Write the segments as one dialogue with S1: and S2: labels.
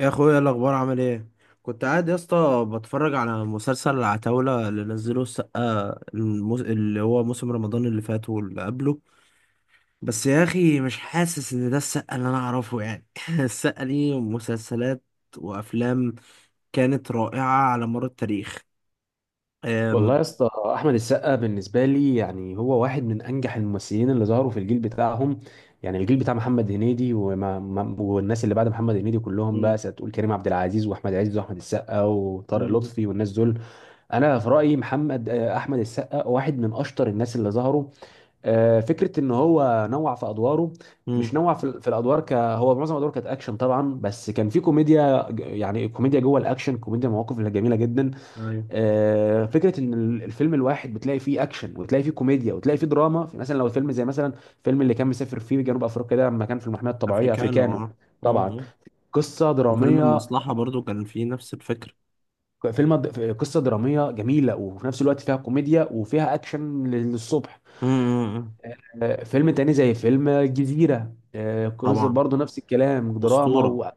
S1: يا اخويا، إيه الاخبار؟ عامل ايه؟ كنت قاعد يا اسطى بتفرج على مسلسل العتاولة اللي نزله السقا اللي هو موسم رمضان اللي فات واللي قبله. بس يا اخي، مش حاسس ان ده السقا اللي انا اعرفه يعني السقا ليه مسلسلات وافلام كانت رائعة على مر التاريخ. أم...
S2: والله يا اسطى، احمد السقا بالنسبه لي يعني هو واحد من انجح الممثلين اللي ظهروا في الجيل بتاعهم. يعني الجيل بتاع محمد هنيدي وما ما- والناس اللي بعد محمد هنيدي كلهم، بقى
S1: مم،
S2: هتقول كريم عبد العزيز واحمد عز واحمد السقا وطارق
S1: مم،
S2: لطفي والناس دول. انا في رايي محمد احمد السقا واحد من اشطر الناس اللي ظهروا. فكره ان هو نوع في ادواره، مش
S1: مم،
S2: نوع في الادوار، ك هو معظم ادواره كانت اكشن طبعا، بس كان في كوميديا يعني كوميديا جوه الاكشن، كوميديا مواقف جميله جدا.
S1: ايوه.
S2: فكره ان الفيلم الواحد بتلاقي فيه اكشن، وتلاقي فيه كوميديا، وتلاقي فيه دراما. في مثلا لو الفيلم زي مثلا الفيلم اللي كان مسافر فيه جنوب افريقيا ده، لما كان في المحميه الطبيعيه،
S1: افريكانو،
S2: افريكانو.
S1: اه. آه،
S2: طبعا
S1: آه.
S2: قصه
S1: وفيلم
S2: دراميه.
S1: المصلحة برضو كان فيه نفس الفكرة.
S2: فيلم قصه دراميه جميله، وفي نفس الوقت فيها كوميديا وفيها اكشن للصبح.
S1: مم، مم، مم.
S2: فيلم تاني زي فيلم الجزيره، قصة
S1: طبعا.
S2: برضه نفس الكلام، دراما
S1: أسطورة.
S2: و...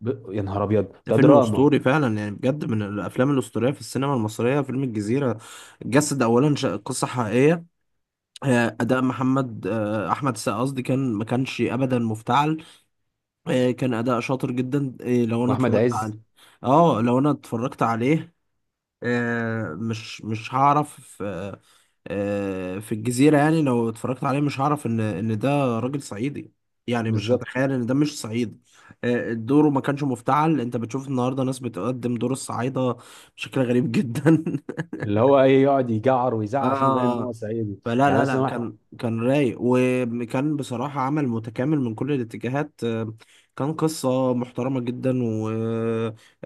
S2: يا نهار ابيض،
S1: ده
S2: ده
S1: فيلم
S2: دراما.
S1: اسطوري فعلا يعني، بجد من الافلام الاسطوريه في السينما المصريه فيلم الجزيره. جسد اولا قصه حقيقيه. اداء محمد، احمد السقا قصدي، كان ما كانش ابدا مفتعل. كان اداء شاطر جدا. لو انا
S2: واحمد
S1: اتفرجت
S2: عز.
S1: عليه، اه، لو انا اتفرجت عليه، مش هعرف في الجزيرة يعني، لو اتفرجت عليه مش هعرف ان ده راجل صعيدي، يعني مش
S2: بالظبط،
S1: هتخيل ان ده مش صعيدي. دوره ما كانش مفتعل. انت بتشوف النهارده ناس بتقدم دور الصعايدة بشكل غريب جدا
S2: اللي هو ايه، يقعد يجعر ويزعق عشان يبان ان هو
S1: اه،
S2: صعيدي.
S1: فلا
S2: يعني
S1: لا
S2: مثلا
S1: لا
S2: واحد،
S1: كان رايق، وكان بصراحة عمل متكامل من كل الاتجاهات، كان قصة محترمة جدا،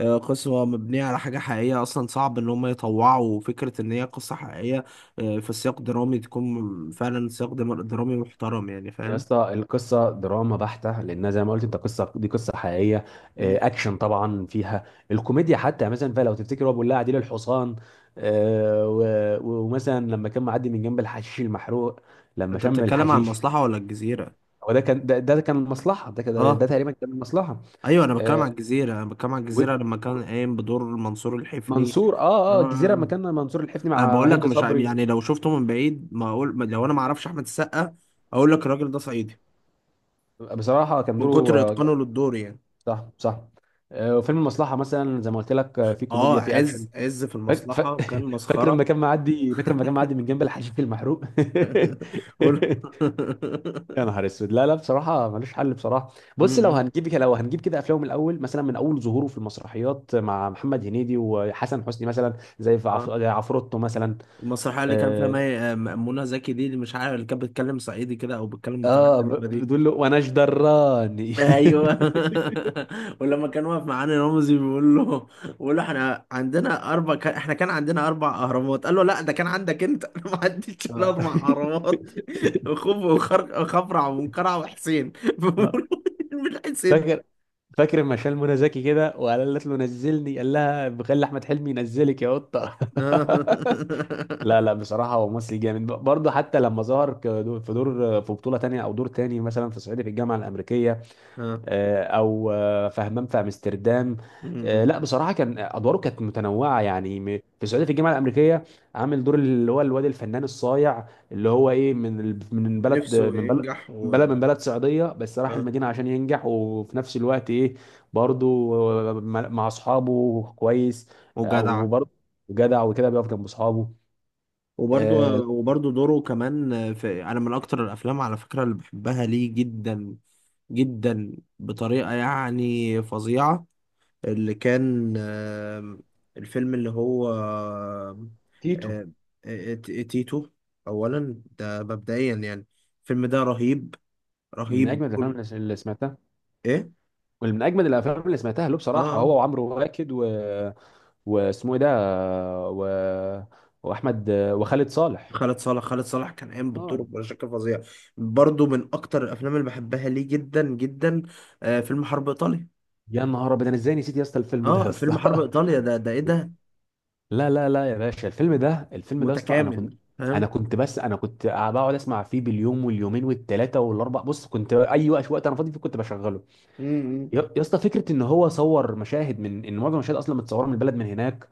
S1: وقصة مبنية على حاجة حقيقية أصلا. صعب إن هم يطوعوا فكرة إن هي قصة حقيقية في سياق درامي تكون فعلا سياق درامي محترم، يعني
S2: يا
S1: فاهم؟
S2: اسطى القصه دراما بحته، لانها زي ما قلت انت، قصه، دي قصه حقيقيه.
S1: مم.
S2: اكشن طبعا، فيها الكوميديا، حتى مثلا، فلو تفتكر هو بيقول لها عديل الحصان. ومثلا لما كان معدي من جنب الحشيش المحروق، لما
S1: أنت
S2: شم
S1: بتتكلم عن
S2: الحشيش.
S1: المصلحة ولا الجزيرة؟
S2: هو ده كان ده، ده كان المصلحه، ده
S1: اه،
S2: تقريبا كان المصلحه.
S1: ايوه، انا بتكلم عن
S2: آه،
S1: الجزيره انا بتكلم عن
S2: و-
S1: الجزيره لما كان
S2: و-
S1: قايم بدور منصور الحفني.
S2: منصور، اه اه الجزيره لما
S1: اه،
S2: كان منصور الحفني
S1: انا
S2: مع
S1: بقول لك
S2: هند
S1: مش
S2: صبري.
S1: يعني لو شفته من بعيد ما اقول لو انا ما اعرفش احمد السقا، اقول لك الراجل ده صعيدي،
S2: بصراحه كان
S1: من
S2: دوره
S1: كتر اتقانه للدور يعني.
S2: صح صح. وفيلم المصلحه مثلا زي ما قلت لك، في
S1: اه،
S2: كوميديا، في اكشن.
S1: عز في
S2: فاك... ف...
S1: المصلحة كان
S2: فاكر لما
S1: مسخرة
S2: كان معدي، من جنب الحشيش المحروق.
S1: قول
S2: يا نهار اسود، لا لا، بصراحه ملوش حل. بصراحه بص، لو
S1: م-م.
S2: هنجيب كده، افلامه من الاول مثلا، من اول ظهوره في المسرحيات مع محمد هنيدي وحسن حسني، مثلا
S1: اه،
S2: زي عفروتو مثلا.
S1: المسرحية اللي كان فيها
S2: اه،
S1: مي... آه، منى زكي دي، اللي مش عارف، اللي كانت بتتكلم صعيدي كده او بتتكلم بطريقة غريبة دي.
S2: بتقول له وانا جدراني.
S1: ايوه ولما كان واقف معانا رمزي، بيقول له احنا عندنا اربع كان احنا كان عندنا اربع اهرامات، قال له: لا، ده كان عندك انت انا ما عنديش الا
S2: آه.
S1: اربع اهرامات خوف، وخفرع، ومنقرع، وحسين
S2: آه.
S1: بيقول له: مين حسين؟
S2: فاكر فاكر لما شال منى زكي كده، وقالت له نزلني، قال لها بخلي احمد حلمي ينزلك يا قطه.
S1: آه.
S2: لا لا، بصراحة هو ممثل جامد. برضه حتى لما ظهر في دور في بطولة تانية، أو دور تاني مثلا في صعيدي في الجامعة الأمريكية.
S1: آه.
S2: آه، أو آه، في همام في أمستردام.
S1: م-م.
S2: لا بصراحة كان أدواره كانت متنوعة، يعني في صعيدي في الجامعة الأمريكية عامل دور اللي هو الواد الفنان الصايع، اللي هو إيه، من من بلد،
S1: نفسه ينجح
S2: بلد،
S1: و...
S2: من بلد صعيدية، بس راح
S1: آه.
S2: المدينة عشان ينجح، وفي نفس الوقت إيه، برضه، مع أصحابه كويس. آه،
S1: وجدع.
S2: أو برضه جدع وكده، بيقف جنب أصحابه.
S1: وبرضه.
S2: آه،
S1: وبرضه دوره كمان في، انا من اكتر الافلام على فكره اللي بحبها ليه جدا جدا بطريقة يعني فظيعة. اللي كان الفيلم اللي هو
S2: تيتو.
S1: آم، آه، تيتو. أولا ده مبدئيا يعني، الفيلم ده رهيب،
S2: من
S1: رهيب
S2: اجمد
S1: كل...
S2: الافلام اللي سمعتها.
S1: إيه؟
S2: ومن اجمد الافلام اللي سمعتها له
S1: آه،
S2: بصراحه
S1: آه.
S2: هو وعمرو واكد و... واسمه ايه ده، و... واحمد وخالد صالح.
S1: خالد صالح كان قايم
S2: اه.
S1: بالدور بشكل فظيع. برضو من أكتر الأفلام اللي بحبها ليه جدا جدا. فيلم حرب إيطاليا.
S2: يا نهار ابيض، انا ازاي نسيت يا اسطى الفيلم ده يا
S1: آه، فيلم
S2: اسطى.
S1: حرب إيطاليا ده إيه ده؟
S2: لا لا لا يا باشا، الفيلم ده، الفيلم ده يا اسطى، انا كنت
S1: متكامل،
S2: انا
S1: فاهم؟
S2: كنت بس انا كنت بقعد اسمع فيه باليوم واليومين والثلاثه والاربع. بص، كنت اي وقت، انا فاضي فيه كنت بشغله.
S1: م- م.
S2: يا اسطى، فكره ان هو صور مشاهد من، ان معظم المشاهد اصلا متصوره من البلد من هناك.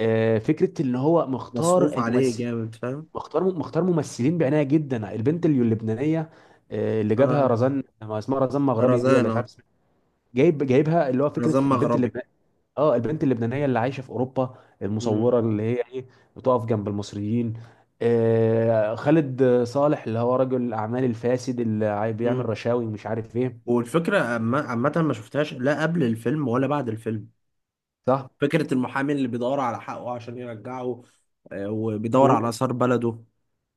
S2: فكره ان هو مختار
S1: مصروف عليه
S2: الممثل،
S1: جامد، فاهم؟
S2: مختار ممثلين بعنايه جدا. البنت اللبنانيه، اللي جابها
S1: آه.
S2: رزان، ما اسمها رزان مغربي دي،
S1: رزان،
S2: ولا مش
S1: اه.
S2: عارف اسمها، جايبها، اللي هو فكره
S1: رزان
S2: البنت
S1: مغربي.
S2: اللبنانيه. اه، البنت اللبنانيه اللي عايشه في اوروبا،
S1: مم.
S2: المصوره اللي هي ايه، بتقف جنب المصريين. خالد صالح اللي هو رجل الاعمال الفاسد اللي بيعمل
S1: مم.
S2: رشاوي ومش عارف ايه.
S1: والفكرة عامة، عامة ما شفتهاش لا قبل الفيلم ولا بعد الفيلم.
S2: صح.
S1: فكرة المحامي اللي بيدور على حقه عشان يرجعه، وبيدور
S2: و...
S1: على آثار بلده.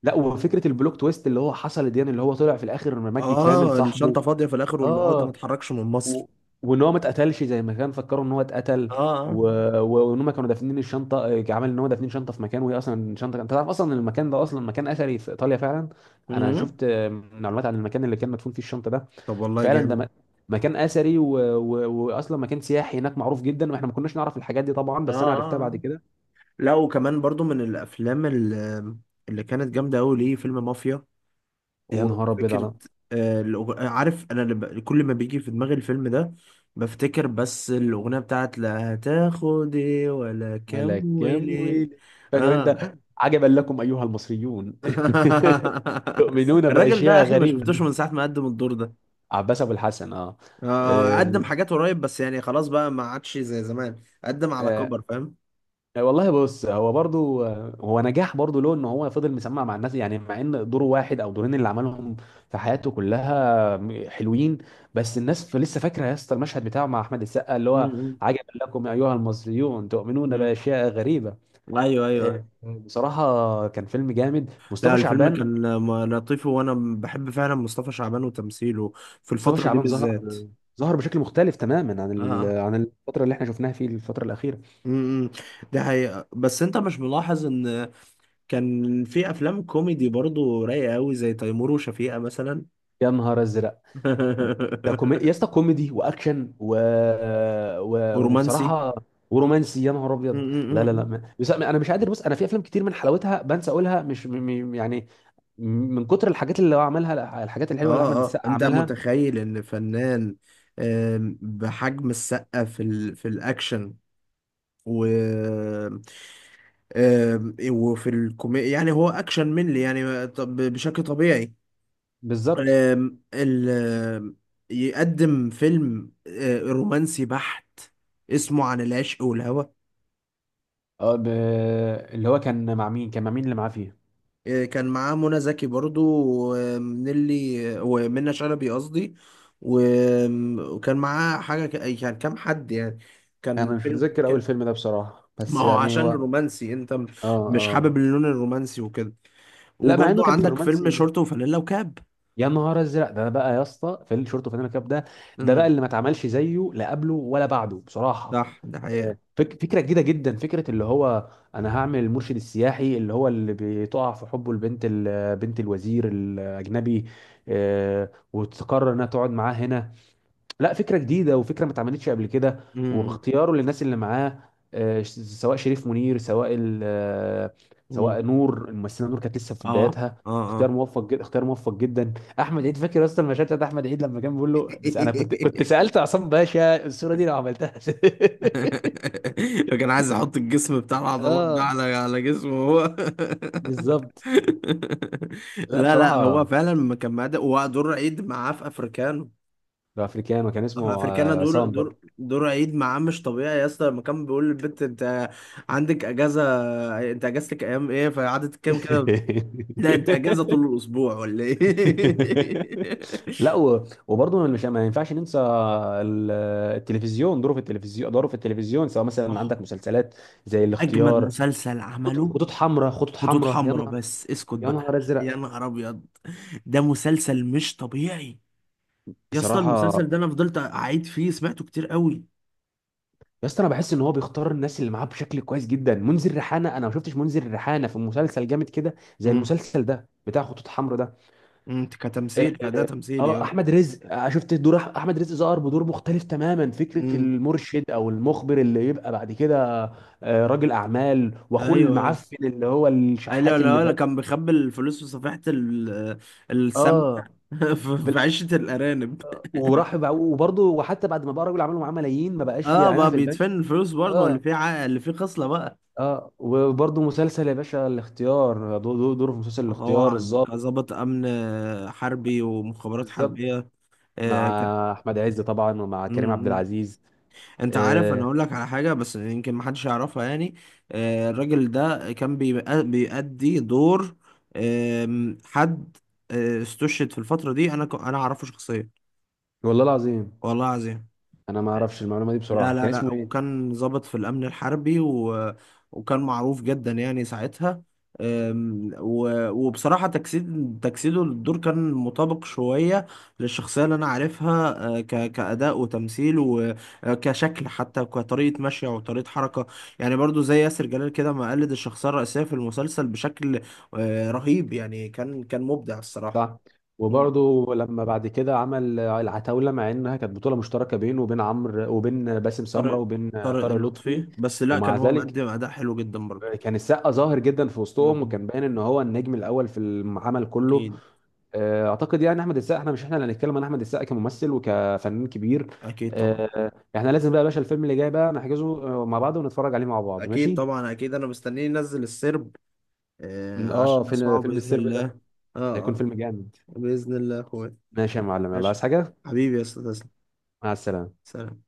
S2: لا وفكره البلوك تويست اللي هو حصل دي، يعني اللي هو طلع في الاخر مجدي كامل
S1: اه،
S2: صاحبه.
S1: الشنطة فاضية في الآخر والعقدة ما
S2: اه،
S1: اتحركش من
S2: و...
S1: مصر.
S2: وان هو ما اتقتلش زي ما كان فكروا ان هو اتقتل.
S1: اه،
S2: و...
S1: اه.
S2: وان هم كانوا دافنين الشنطه، عمل ان هو دافنين شنطه في مكان، وهي اصلا انت تعرف اصلا ان المكان ده اصلا مكان اثري في ايطاليا فعلا. انا
S1: مم.
S2: شفت معلومات عن المكان اللي كان مدفون فيه الشنطه ده.
S1: طب والله
S2: فعلا
S1: جامد.
S2: مكان اثري، و... و... واصلا مكان سياحي هناك معروف جدا، واحنا ما كناش نعرف الحاجات دي طبعا،
S1: اه،
S2: بس انا
S1: آه،
S2: عرفتها بعد
S1: آه.
S2: كده.
S1: لا، وكمان برضو من الأفلام اللي كانت جامدة أوي ليه، فيلم مافيا،
S2: يا نهار ابيض
S1: وفكرة
S2: على
S1: عارف، أنا كل ما بيجي في دماغي الفيلم ده، بفتكر بس الأغنية بتاعت: لا هتاخد إيه ولا كام
S2: ملك كام
S1: وليه.
S2: ويلك. فاكر
S1: آه
S2: انت، عجبا لكم ايها المصريون، تؤمنون
S1: الراجل ده يا
S2: باشياء
S1: أخي، ما شفتوش
S2: غريبه.
S1: من ساعة ما قدم الدور ده.
S2: عباس ابو الحسن. اه،
S1: آه،
S2: آه.
S1: قدم حاجات قريب بس يعني خلاص بقى، ما عادش زي زمان. قدم على
S2: آه.
S1: كبر، فاهم.
S2: والله بص، هو برضو هو نجاح برضو له ان هو فضل مسمع مع الناس، يعني مع ان دوره واحد او دورين اللي عملهم في حياته كلها حلوين. بس الناس لسه فاكره، يا اسطى المشهد بتاعه مع احمد السقا اللي
S1: مم،
S2: هو
S1: مم،
S2: عجبا لكم ايها المصريون، تؤمنون
S1: مم.
S2: باشياء غريبه.
S1: ايوه، ايوه، ايوه.
S2: بصراحه كان فيلم جامد،
S1: لا،
S2: مصطفى
S1: الفيلم
S2: شعبان.
S1: كان لطيف، وانا بحب فعلا مصطفى شعبان وتمثيله في
S2: مصطفى
S1: الفترة دي
S2: شعبان
S1: بالذات.
S2: ظهر ظهر بشكل مختلف تماما عن
S1: اه،
S2: عن الفتره اللي احنا شفناها في الفتره الاخيره.
S1: امم ده حقيقة، بس انت مش ملاحظ ان كان في افلام كوميدي برضو رايقة قوي زي تيمور وشفيقة مثلا
S2: يا نهار ازرق، يا اسطى كوميدي واكشن و... و...
S1: برومانسي.
S2: وبصراحه ورومانسي. يا نهار ابيض، لا لا لا،
S1: امم،
S2: ما... بس انا مش قادر. بص، انا في افلام كتير من حلاوتها بنسى اقولها، مش م... م... يعني من كتر الحاجات اللي هو عملها، الحاجات الحلوه اللي احمد
S1: اه، اه،
S2: السقا
S1: انت
S2: عملها.
S1: متخيل ان فنان بحجم السقا في الاكشن، و... وفي الكوميديا، يعني هو اكشن منلي يعني طب بشكل طبيعي،
S2: بالظبط.
S1: آم، ال آم، يقدم فيلم رومانسي بحت اسمه عن العشق والهوى.
S2: اه اللي هو كان مع مين، اللي معاه فيه.
S1: كان معاه منى زكي برضو، ومنلي ومنى شلبي قصدي، و- وكان معاه حاجة يعني كام حد يعني، كان
S2: انا مش
S1: فيلم
S2: متذكر اول فيلم ده بصراحه،
S1: ما
S2: بس
S1: هو
S2: يعني
S1: عشان
S2: هو،
S1: رومانسي انت
S2: اه
S1: مش
S2: اه.
S1: حابب اللون الرومانسي وكده.
S2: لا مع انه
S1: وبرضو
S2: كان في
S1: عندك فيلم
S2: الرومانسي،
S1: شورت وفانيلا وكاب.
S2: يا نهار ازرق، ده بقى يا اسطى في الشورت وفانيلا كاب ده، ده بقى
S1: امم
S2: اللي ما اتعملش زيه لا قبله ولا بعده بصراحه.
S1: صح، ده حقيقة.
S2: آه، فك فكره جديده جدا، فكره اللي هو انا هعمل المرشد السياحي، اللي هو اللي بتقع في حبه البنت، بنت الوزير الاجنبي، وتقرر انها تقعد معاه هنا. لا فكرة جديدة، وفكرة ما اتعملتش قبل كده.
S1: امم.
S2: واختياره للناس اللي معاه، سواء شريف منير، سواء
S1: امم.
S2: نور، الممثلة نور كانت لسه في
S1: اه،
S2: بداياتها. اختيار
S1: اه،
S2: موفق جدا، اختيار موفق جدا. احمد عيد، فاكر يا اسطى المشهد بتاع احمد عيد لما كان
S1: اه.
S2: بيقول له، بس انا كنت، كنت سألت عصام باشا الصورة دي لو عملتها.
S1: فكان عايز يحط الجسم بتاع العضلات ده
S2: اه،
S1: على جسمه هو
S2: بالظبط. لا
S1: لا لا، هو
S2: بصراحة
S1: فعلا ما كان معاه ده، ودور عيد معاه في افريكانو.
S2: ده افريكانو، كان اسمه
S1: افريكانا، دور
S2: عصام.
S1: دور دور عيد معاه مش طبيعي يا اسطى، لما كان بيقول للبنت: انت عندك اجازه، انت اجازتك ايام ايه، فقعدت تتكلم كده.
S2: برضه.
S1: لا، انت اجازه طول الاسبوع ولا ايه؟
S2: لا وبرضه مش، ما ينفعش ننسى التلفزيون، دوره في التلفزيون، سواء مثلا
S1: آه،
S2: عندك مسلسلات زي
S1: اجمد
S2: الاختيار،
S1: مسلسل عمله
S2: خطوط حمراء،
S1: خطوط
S2: يا
S1: حمراء،
S2: نهار،
S1: بس اسكت
S2: يا
S1: بقى
S2: نهار ازرق.
S1: يا نهار ابيض، ده مسلسل مش طبيعي. يا اسطى،
S2: بصراحه
S1: المسلسل ده انا فضلت اعيد فيه، سمعته كتير قوي.
S2: يا اسطى، انا بحس ان هو بيختار الناس اللي معاه بشكل كويس جدا. منذر ريحانه، انا ما شفتش منذر ريحانه في مسلسل جامد كده زي
S1: امم،
S2: المسلسل ده بتاع خطوط حمراء ده.
S1: انت
S2: اه.
S1: كتمثيل كده تمثيل يا...
S2: احمد رزق، شفت دور احمد رزق ظهر بدور مختلف تماما، فكره
S1: امم
S2: المرشد او المخبر اللي يبقى بعد كده راجل اعمال، واخوه
S1: ايوه، ايوه،
S2: المعفن اللي هو
S1: ايوه.
S2: الشحات اللي
S1: لا لا،
S2: بقى،
S1: كان بيخبي الفلوس في صفيحة السمنة
S2: اه
S1: في
S2: في
S1: في عشة الأرانب
S2: وبرضه، وحتى بعد ما بقى راجل اعمال ومعاه ملايين، ما بقاش
S1: اه،
S2: يعينها
S1: بقى
S2: في البنك.
S1: بيدفن الفلوس برضه، اللي
S2: اه.
S1: فيه ع... اللي فيه خصلة بقى.
S2: اه وبرضه مسلسل يا باشا الاختيار، دوره في مسلسل الاختيار،
S1: طبعا
S2: الظابط.
S1: كظابط أمن حربي، ومخابرات
S2: بالظبط،
S1: حربية.
S2: مع
S1: آه.
S2: احمد عز طبعا، ومع
S1: ك...
S2: كريم عبد العزيز.
S1: انت عارف، انا
S2: آه.
S1: اقول لك على حاجه بس يمكن ما حدش يعرفها يعني. الراجل ده كان بيأدي دور حد استشهد في الفتره دي، انا اعرفه شخصيا.
S2: والله العظيم،
S1: والله العظيم.
S2: انا ما اعرفش المعلومه دي
S1: لا
S2: بصراحه.
S1: لا
S2: كان
S1: لا،
S2: اسمه ايه؟
S1: وكان ضابط في الأمن الحربي و... وكان معروف جدا يعني ساعتها. وبصراحة، تجسيده للدور كان مطابق شوية للشخصية اللي أنا عارفها، كأداء وتمثيل، وكشكل، حتى كطريقة مشي وطريقة حركة. يعني برضو زي ياسر جلال كده، ما قلد الشخصية الرئيسية في المسلسل بشكل رهيب، يعني كان مبدع الصراحة.
S2: صح.
S1: مم.
S2: وبرضه لما بعد كده عمل العتاولة، مع انها كانت بطولة مشتركة بينه وبين عمرو، وبين باسم سمرة،
S1: طارق،
S2: وبين
S1: طارق
S2: طارق لطفي.
S1: لطفي بس، لا
S2: ومع
S1: كان هو
S2: ذلك
S1: مقدم أداء حلو جدا برضو.
S2: كان السقا ظاهر جدا في وسطهم،
S1: مم.
S2: وكان باين ان هو النجم الاول في العمل كله.
S1: أكيد.
S2: اعتقد يعني احمد السقا، احنا مش احنا اللي هنتكلم عن احمد السقا كممثل وكفنان كبير.
S1: اكيد طبعا،
S2: احنا لازم بقى يا باشا، الفيلم اللي جاي بقى نحجزه مع بعض، ونتفرج عليه مع بعض،
S1: اكيد
S2: ماشي.
S1: طبعا، اكيد، انا مستنيه ينزل السرب، آه،
S2: اه
S1: عشان
S2: فيلم،
S1: اسمعه
S2: فيلم
S1: باذن
S2: السرب
S1: الله.
S2: ده
S1: اه،
S2: هيكون
S1: اه.
S2: فيلم جامد.
S1: باذن الله يا اخويا.
S2: ماشي يا معلم، يلا
S1: ماشي.
S2: عايز حاجة؟
S1: حبيبي يا استاذ، تسلم.
S2: مع السلامة.
S1: سلام.